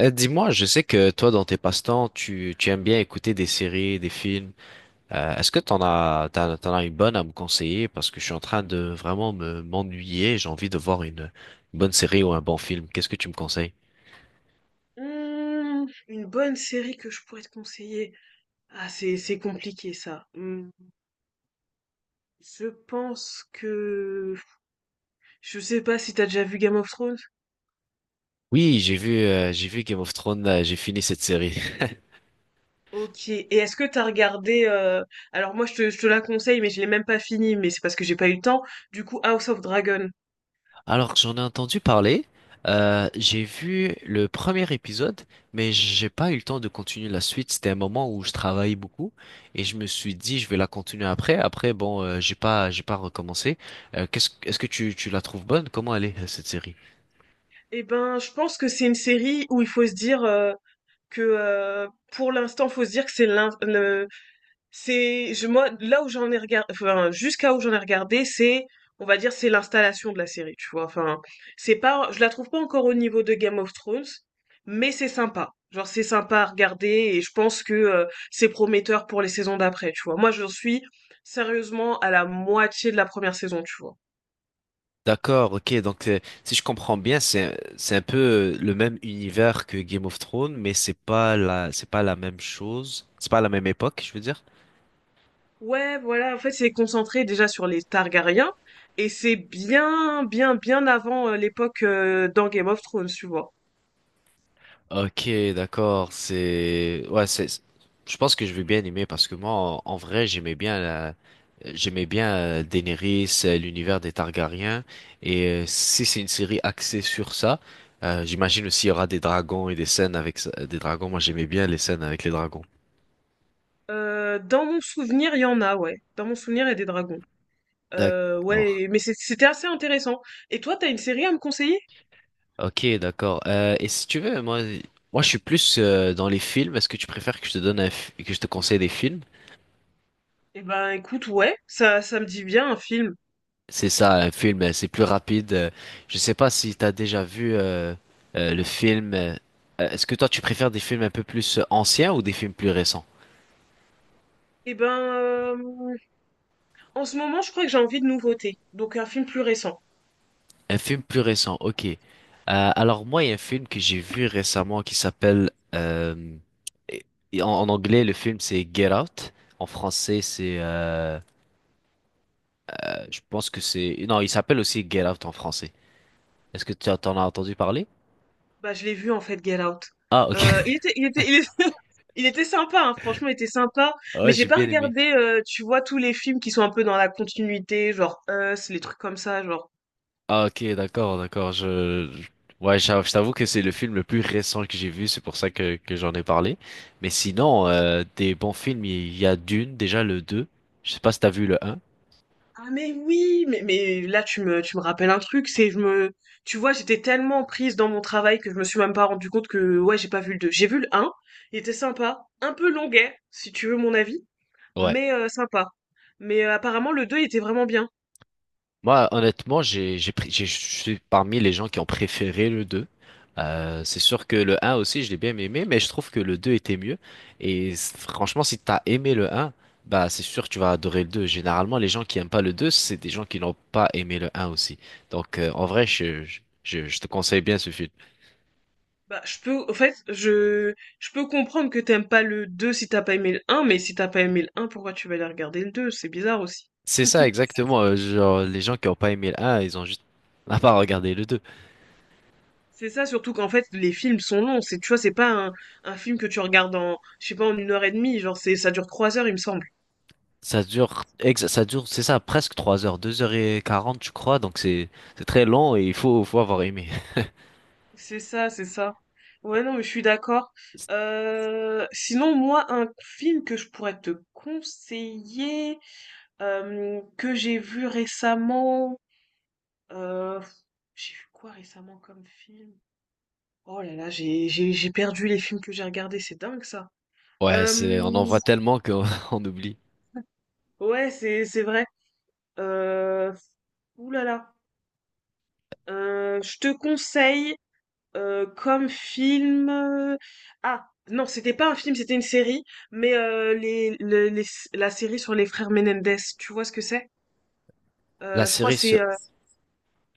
Dis-moi, je sais que toi, dans tes passe-temps, tu aimes bien écouter des séries, des films. Est-ce que t'en as une bonne à me conseiller? Parce que je suis en train de vraiment m'ennuyer. J'ai envie de voir une bonne série ou un bon film. Qu'est-ce que tu me conseilles? Mmh, une bonne série que je pourrais te conseiller. Ah, c'est compliqué ça. Mmh, je pense que je sais pas si t'as déjà vu Game of Thrones. Oui, j'ai vu Game of Thrones. J'ai fini cette série. Ok. Et est-ce que t'as regardé. Alors moi je te la conseille, mais je l'ai même pas fini, mais c'est parce que j'ai pas eu le temps. Du coup, House of Dragon. Alors, j'en ai entendu parler. J'ai vu le premier épisode, mais j'ai pas eu le temps de continuer la suite. C'était un moment où je travaillais beaucoup et je me suis dit je vais la continuer après. Après, bon, j'ai pas recommencé. Qu'est-ce, est-ce que tu la trouves bonne? Comment elle est, cette série? Eh ben, je pense que c'est une série où il faut se dire que pour l'instant faut se dire que c'est l'un. C'est je moi là où j'en ai regardé, enfin jusqu'à où j'en ai regardé, c'est, on va dire, c'est l'installation de la série, tu vois. Enfin, c'est pas je la trouve pas encore au niveau de Game of Thrones, mais c'est sympa. Genre c'est sympa à regarder et je pense que c'est prometteur pour les saisons d'après, tu vois. Moi, je suis sérieusement à la moitié de la première saison, tu vois. D'accord, ok. Donc, si je comprends bien, c'est un peu le même univers que Game of Thrones, mais c'est pas la même chose. C'est pas la même époque, je veux dire. Ouais, voilà, en fait, c'est concentré déjà sur les Targaryens et c'est bien bien bien avant l'époque dans Game of Thrones, tu vois. Ok, d'accord, c'est ouais, c'est je pense que je vais bien aimer parce que moi en vrai, j'aimais bien la j'aimais bien Daenerys, l'univers des Targaryens et si c'est une série axée sur ça, j'imagine aussi il y aura des dragons et des scènes avec des dragons. Moi, j'aimais bien les scènes avec les dragons. Dans mon souvenir, il y en a, ouais. Dans mon souvenir, il y a des dragons. D'accord. Ouais, mais c'était assez intéressant. Et toi, t'as une série à me conseiller? Ok, d'accord. Et si tu veux, moi je suis plus dans les films. Est-ce que tu préfères que je te donne un fi- que je te conseille des films? Eh ben, écoute, ouais, ça me dit bien un film. C'est ça, un film, c'est plus rapide. Je sais pas si t'as déjà vu le film. Est-ce que toi tu préfères des films un peu plus anciens ou des films plus récents? Eh ben, en ce moment, je crois que j'ai envie de nouveautés. Donc, un film plus récent. Un film plus récent, ok. Alors moi, il y a un film que j'ai vu récemment qui s'appelle et- et en anglais le film c'est Get Out. En français c'est, je pense que c'est, non, il s'appelle aussi Get Out en français. Est-ce que tu en as entendu parler? Bah, je l'ai vu en fait, Get Out. Ah ok. Il était, il était, il est- Il était sympa, hein, franchement, il était sympa. Mais Ouais, j'ai j'ai pas bien aimé. regardé, tu vois, tous les films qui sont un peu dans la continuité, genre Us, les trucs comme ça, genre. Ah, ok, d'accord, d'accord. Ouais, je t'avoue que c'est le film le plus récent que j'ai vu, c'est pour ça que j'en ai parlé. Mais sinon, des bons films, il y a Dune, déjà le 2. Je sais pas si t'as vu le un. Ah mais oui, mais là tu me rappelles un truc, c'est je me tu vois, j'étais tellement prise dans mon travail que je me suis même pas rendu compte que ouais, j'ai pas vu le deux. J'ai vu le un. Il était sympa, un peu longuet si tu veux mon avis, Ouais. mais sympa. Mais apparemment le deux, il était vraiment bien. Moi, honnêtement, je suis parmi les gens qui ont préféré le 2. C'est sûr que le un aussi, je l'ai bien aimé, mais je trouve que le 2 était mieux. Et franchement, si t'as aimé le un, bah, c'est sûr que tu vas adorer le 2. Généralement, les gens qui aiment pas le 2, c'est des gens qui n'ont pas aimé le un aussi. Donc, en vrai, je te conseille bien ce film. Bah, je peux, en fait, je peux comprendre que t'aimes pas le 2 si t'as pas aimé le un, mais si t'as pas aimé le un, pourquoi tu vas aller regarder le deux? C'est bizarre aussi. C'est ça, exactement. Genre, les gens qui n'ont pas aimé le un, ils ont juste à pas regarder le 2. C'est ça, surtout qu'en fait, les films sont longs. C'est, tu vois, c'est pas un film que tu regardes en, je sais pas, en 1 heure et demie. Genre, c'est, ça dure 3 heures, il me semble. Ça dure, c'est ça, presque 3 heures, deux heures et quarante, je crois, donc c'est très long et il faut avoir aimé. C'est ça, c'est ça. Ouais, non, mais je suis d'accord. Sinon, moi, un film que je pourrais te conseiller, que j'ai vu récemment, euh, j'ai vu quoi récemment comme film? Oh là là, j'ai perdu les films que j'ai regardés, c'est dingue ça. Ouais, c'est, Euh, on en voit tellement qu'on on oublie. ouais, c'est vrai. Euh, Ouh là là. Je te conseille comme film. Ah non, c'était pas un film, c'était une série, mais les, le- les la série sur les frères Menendez. Tu vois ce que c'est? La Je crois série sur... c'est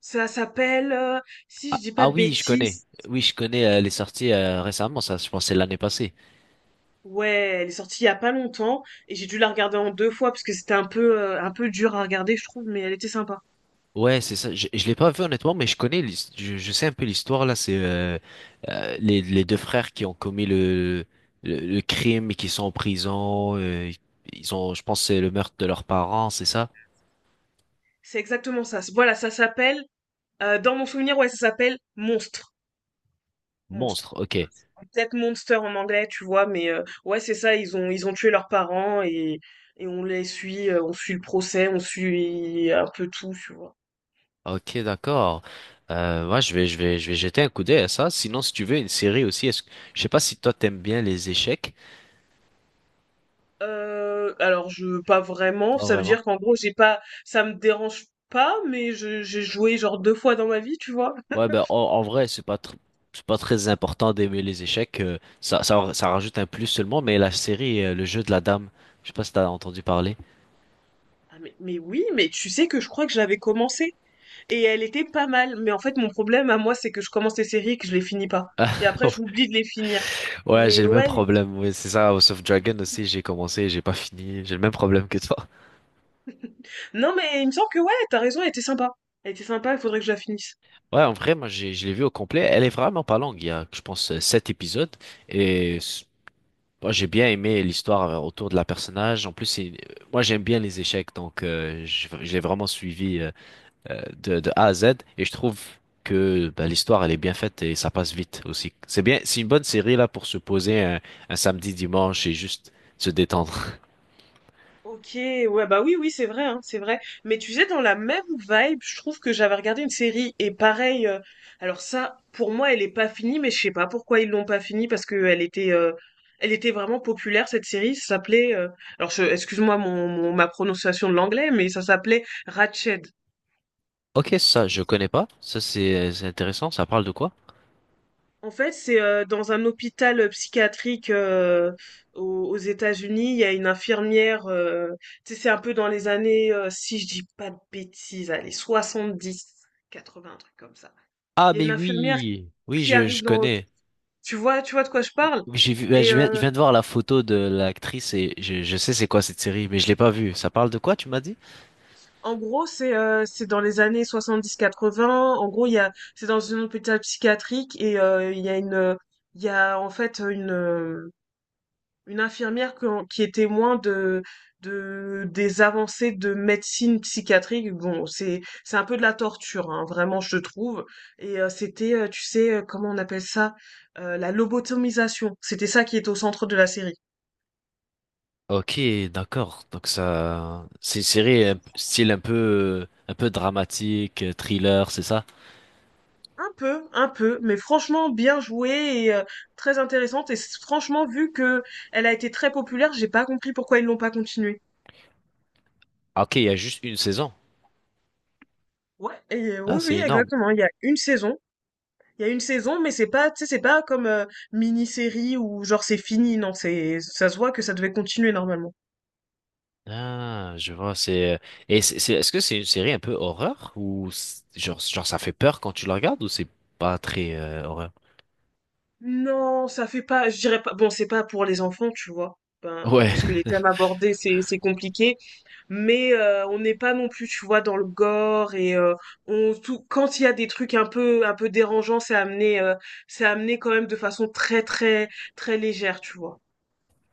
ça s'appelle, si je dis pas Ah de oui, je connais. bêtises. Oui, je connais, elle est sortie récemment, ça, je pense, que c'est l'année passée. Ouais, elle est sortie il y a pas longtemps et j'ai dû la regarder en deux fois parce que c'était un peu dur à regarder, je trouve, mais elle était sympa. Ouais, c'est ça. Je l'ai pas vu honnêtement, mais je connais, je sais un peu l'histoire là. C'est les deux frères qui ont commis le crime et qui sont en prison. Ils ont, je pense, que c'est le meurtre de leurs parents, c'est ça? C'est exactement ça. Voilà, ça s'appelle, dans mon souvenir, ouais, ça s'appelle Monstre. Monstre, Monstre. ok. Peut-être Monster en anglais, tu vois, mais ouais, c'est ça, ils ont tué leurs parents et on les suit, on suit le procès, on suit un peu tout, tu vois. Ok, d'accord. Moi, je vais jeter un coup d'œil à ça. Sinon, si tu veux une série aussi, est-ce que, je sais pas si toi t'aimes bien les échecs. Alors je pas vraiment, Pas ça veut vraiment. dire qu'en gros, j'ai pas, ça me dérange pas, mais je j'ai joué genre deux fois dans ma vie, tu vois. Ouais, ben en vrai, c'est pas très important d'aimer les échecs. Ça rajoute un plus seulement. Mais la série, le jeu de la dame, je sais pas si t'as entendu parler. Ah, mais oui, mais tu sais que je crois que j'avais commencé et elle était pas mal, mais en fait mon problème à moi c'est que je commence les séries et que je les finis pas Ah, et après j'oublie de les finir. Ouais, j'ai Mais le même ouais, problème. Oui, c'est ça. House of Dragon aussi, j'ai commencé, et j'ai pas fini. J'ai le même problème que toi. non, mais il me semble que ouais, t'as raison, elle était sympa. Elle était sympa, il faudrait que je la finisse. Ouais, en vrai, moi, je l'ai vu au complet. Elle est vraiment pas longue. Il y a, je pense, sept épisodes. Et moi, j'ai bien aimé l'histoire autour de la personnage. En plus, moi, j'aime bien les échecs, donc je l'ai vraiment suivi de A à Z. Et je trouve que bah, l'histoire, elle est bien faite et ça passe vite aussi. C'est bien, c'est une bonne série là pour se poser un samedi, dimanche et juste se détendre. Ok, ouais, bah oui, oui, c'est vrai, hein, c'est vrai. Mais tu sais, dans la même vibe, je trouve que j'avais regardé une série, et pareil, alors ça, pour moi, elle est pas finie, mais je sais pas pourquoi ils l'ont pas finie, parce que elle était vraiment populaire, cette série, ça s'appelait, excuse-moi ma prononciation de l'anglais, mais ça s'appelait Ratched. Ok, ça, je connais pas. Ça, c'est intéressant. Ça parle de quoi? En fait, c'est dans un hôpital psychiatrique, aux États-Unis, il y a une infirmière, tu sais, c'est un peu dans les années, si je dis pas de bêtises, allez, 70, 80, un truc comme ça. Ah, Il y a une mais infirmière oui, oui, qui arrive je dans, connais. Tu vois de quoi je parle? J'ai vu, ouais, Et je viens de voir la photo de l'actrice et je sais c'est quoi cette série, mais je l'ai pas vue. Ça parle de quoi, tu m'as dit? en gros, c'est dans les années 70 80. En gros, c'est dans un hôpital psychiatrique et il y a en fait une infirmière qui est témoin de, des avancées de médecine psychiatrique. Bon, c'est un peu de la torture, hein, vraiment, je trouve. Et c'était, tu sais, comment on appelle ça? La lobotomisation. C'était ça qui est au centre de la série. Ok, d'accord. Donc ça, c'est une série style un peu dramatique, thriller, c'est ça? Un peu, mais franchement bien joué et très intéressante. Et franchement, vu que elle a été très populaire, j'ai pas compris pourquoi ils l'ont pas continuée. Ah, ok, il y a juste une saison. Ouais, et, Ah, oui, c'est oui, énorme. exactement. Il y a une saison. Il y a une saison, mais c'est pas, tu sais, c'est pas comme mini-série où genre c'est fini, non, c'est, ça se voit que ça devait continuer normalement. Ah, je vois. C'est et est-ce que c'est une série un peu horreur ou genre, genre ça fait peur quand tu la regardes ou c'est pas très horreur? Non, ça fait pas, je dirais pas, bon, c'est pas pour les enfants, tu vois, ben, Ouais. parce que les thèmes abordés, c'est compliqué, mais on n'est pas non plus, tu vois, dans le gore et tout, quand il y a des trucs un peu dérangeants, c'est amené quand même de façon très, très, très légère, tu vois.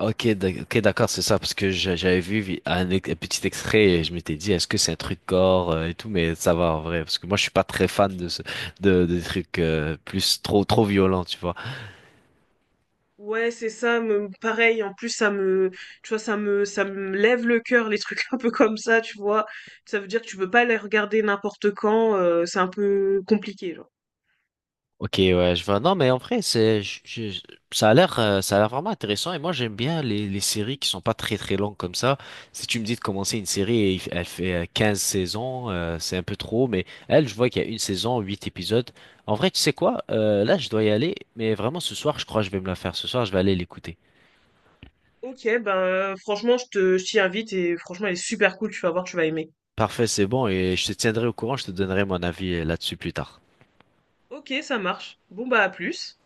Ok, ok, d'accord, c'est ça parce que j'avais vu vi- un, ex- un petit extrait et je m'étais dit est-ce que c'est un truc gore et tout, mais ça va en vrai parce que moi je suis pas très fan de ce, de trucs plus trop violents, tu vois. Ouais, c'est ça, me pareil, en plus ça me tu vois ça me lève le cœur les trucs un peu comme ça, tu vois. Ça veut dire que tu peux pas les regarder n'importe quand, c'est un peu compliqué genre. Ok, ouais, je vois. Non, mais en vrai, ça a l'air vraiment intéressant. Et moi, j'aime bien les séries qui sont pas très très longues comme ça. Si tu me dis de commencer une série et il elle fait 15 saisons, c'est un peu trop. Mais elle, je vois qu'il y a une saison, 8 épisodes. En vrai, tu sais quoi? Là, je dois y aller. Mais vraiment, ce soir, je crois que je vais me la faire. Ce soir, je vais aller l'écouter. OK, ben franchement, je t'y invite et franchement, elle est super cool, tu vas voir, tu vas aimer. Parfait, c'est bon. Et je te tiendrai au courant. Je te donnerai mon avis là-dessus plus tard. OK, ça marche. Bon, bah, à plus.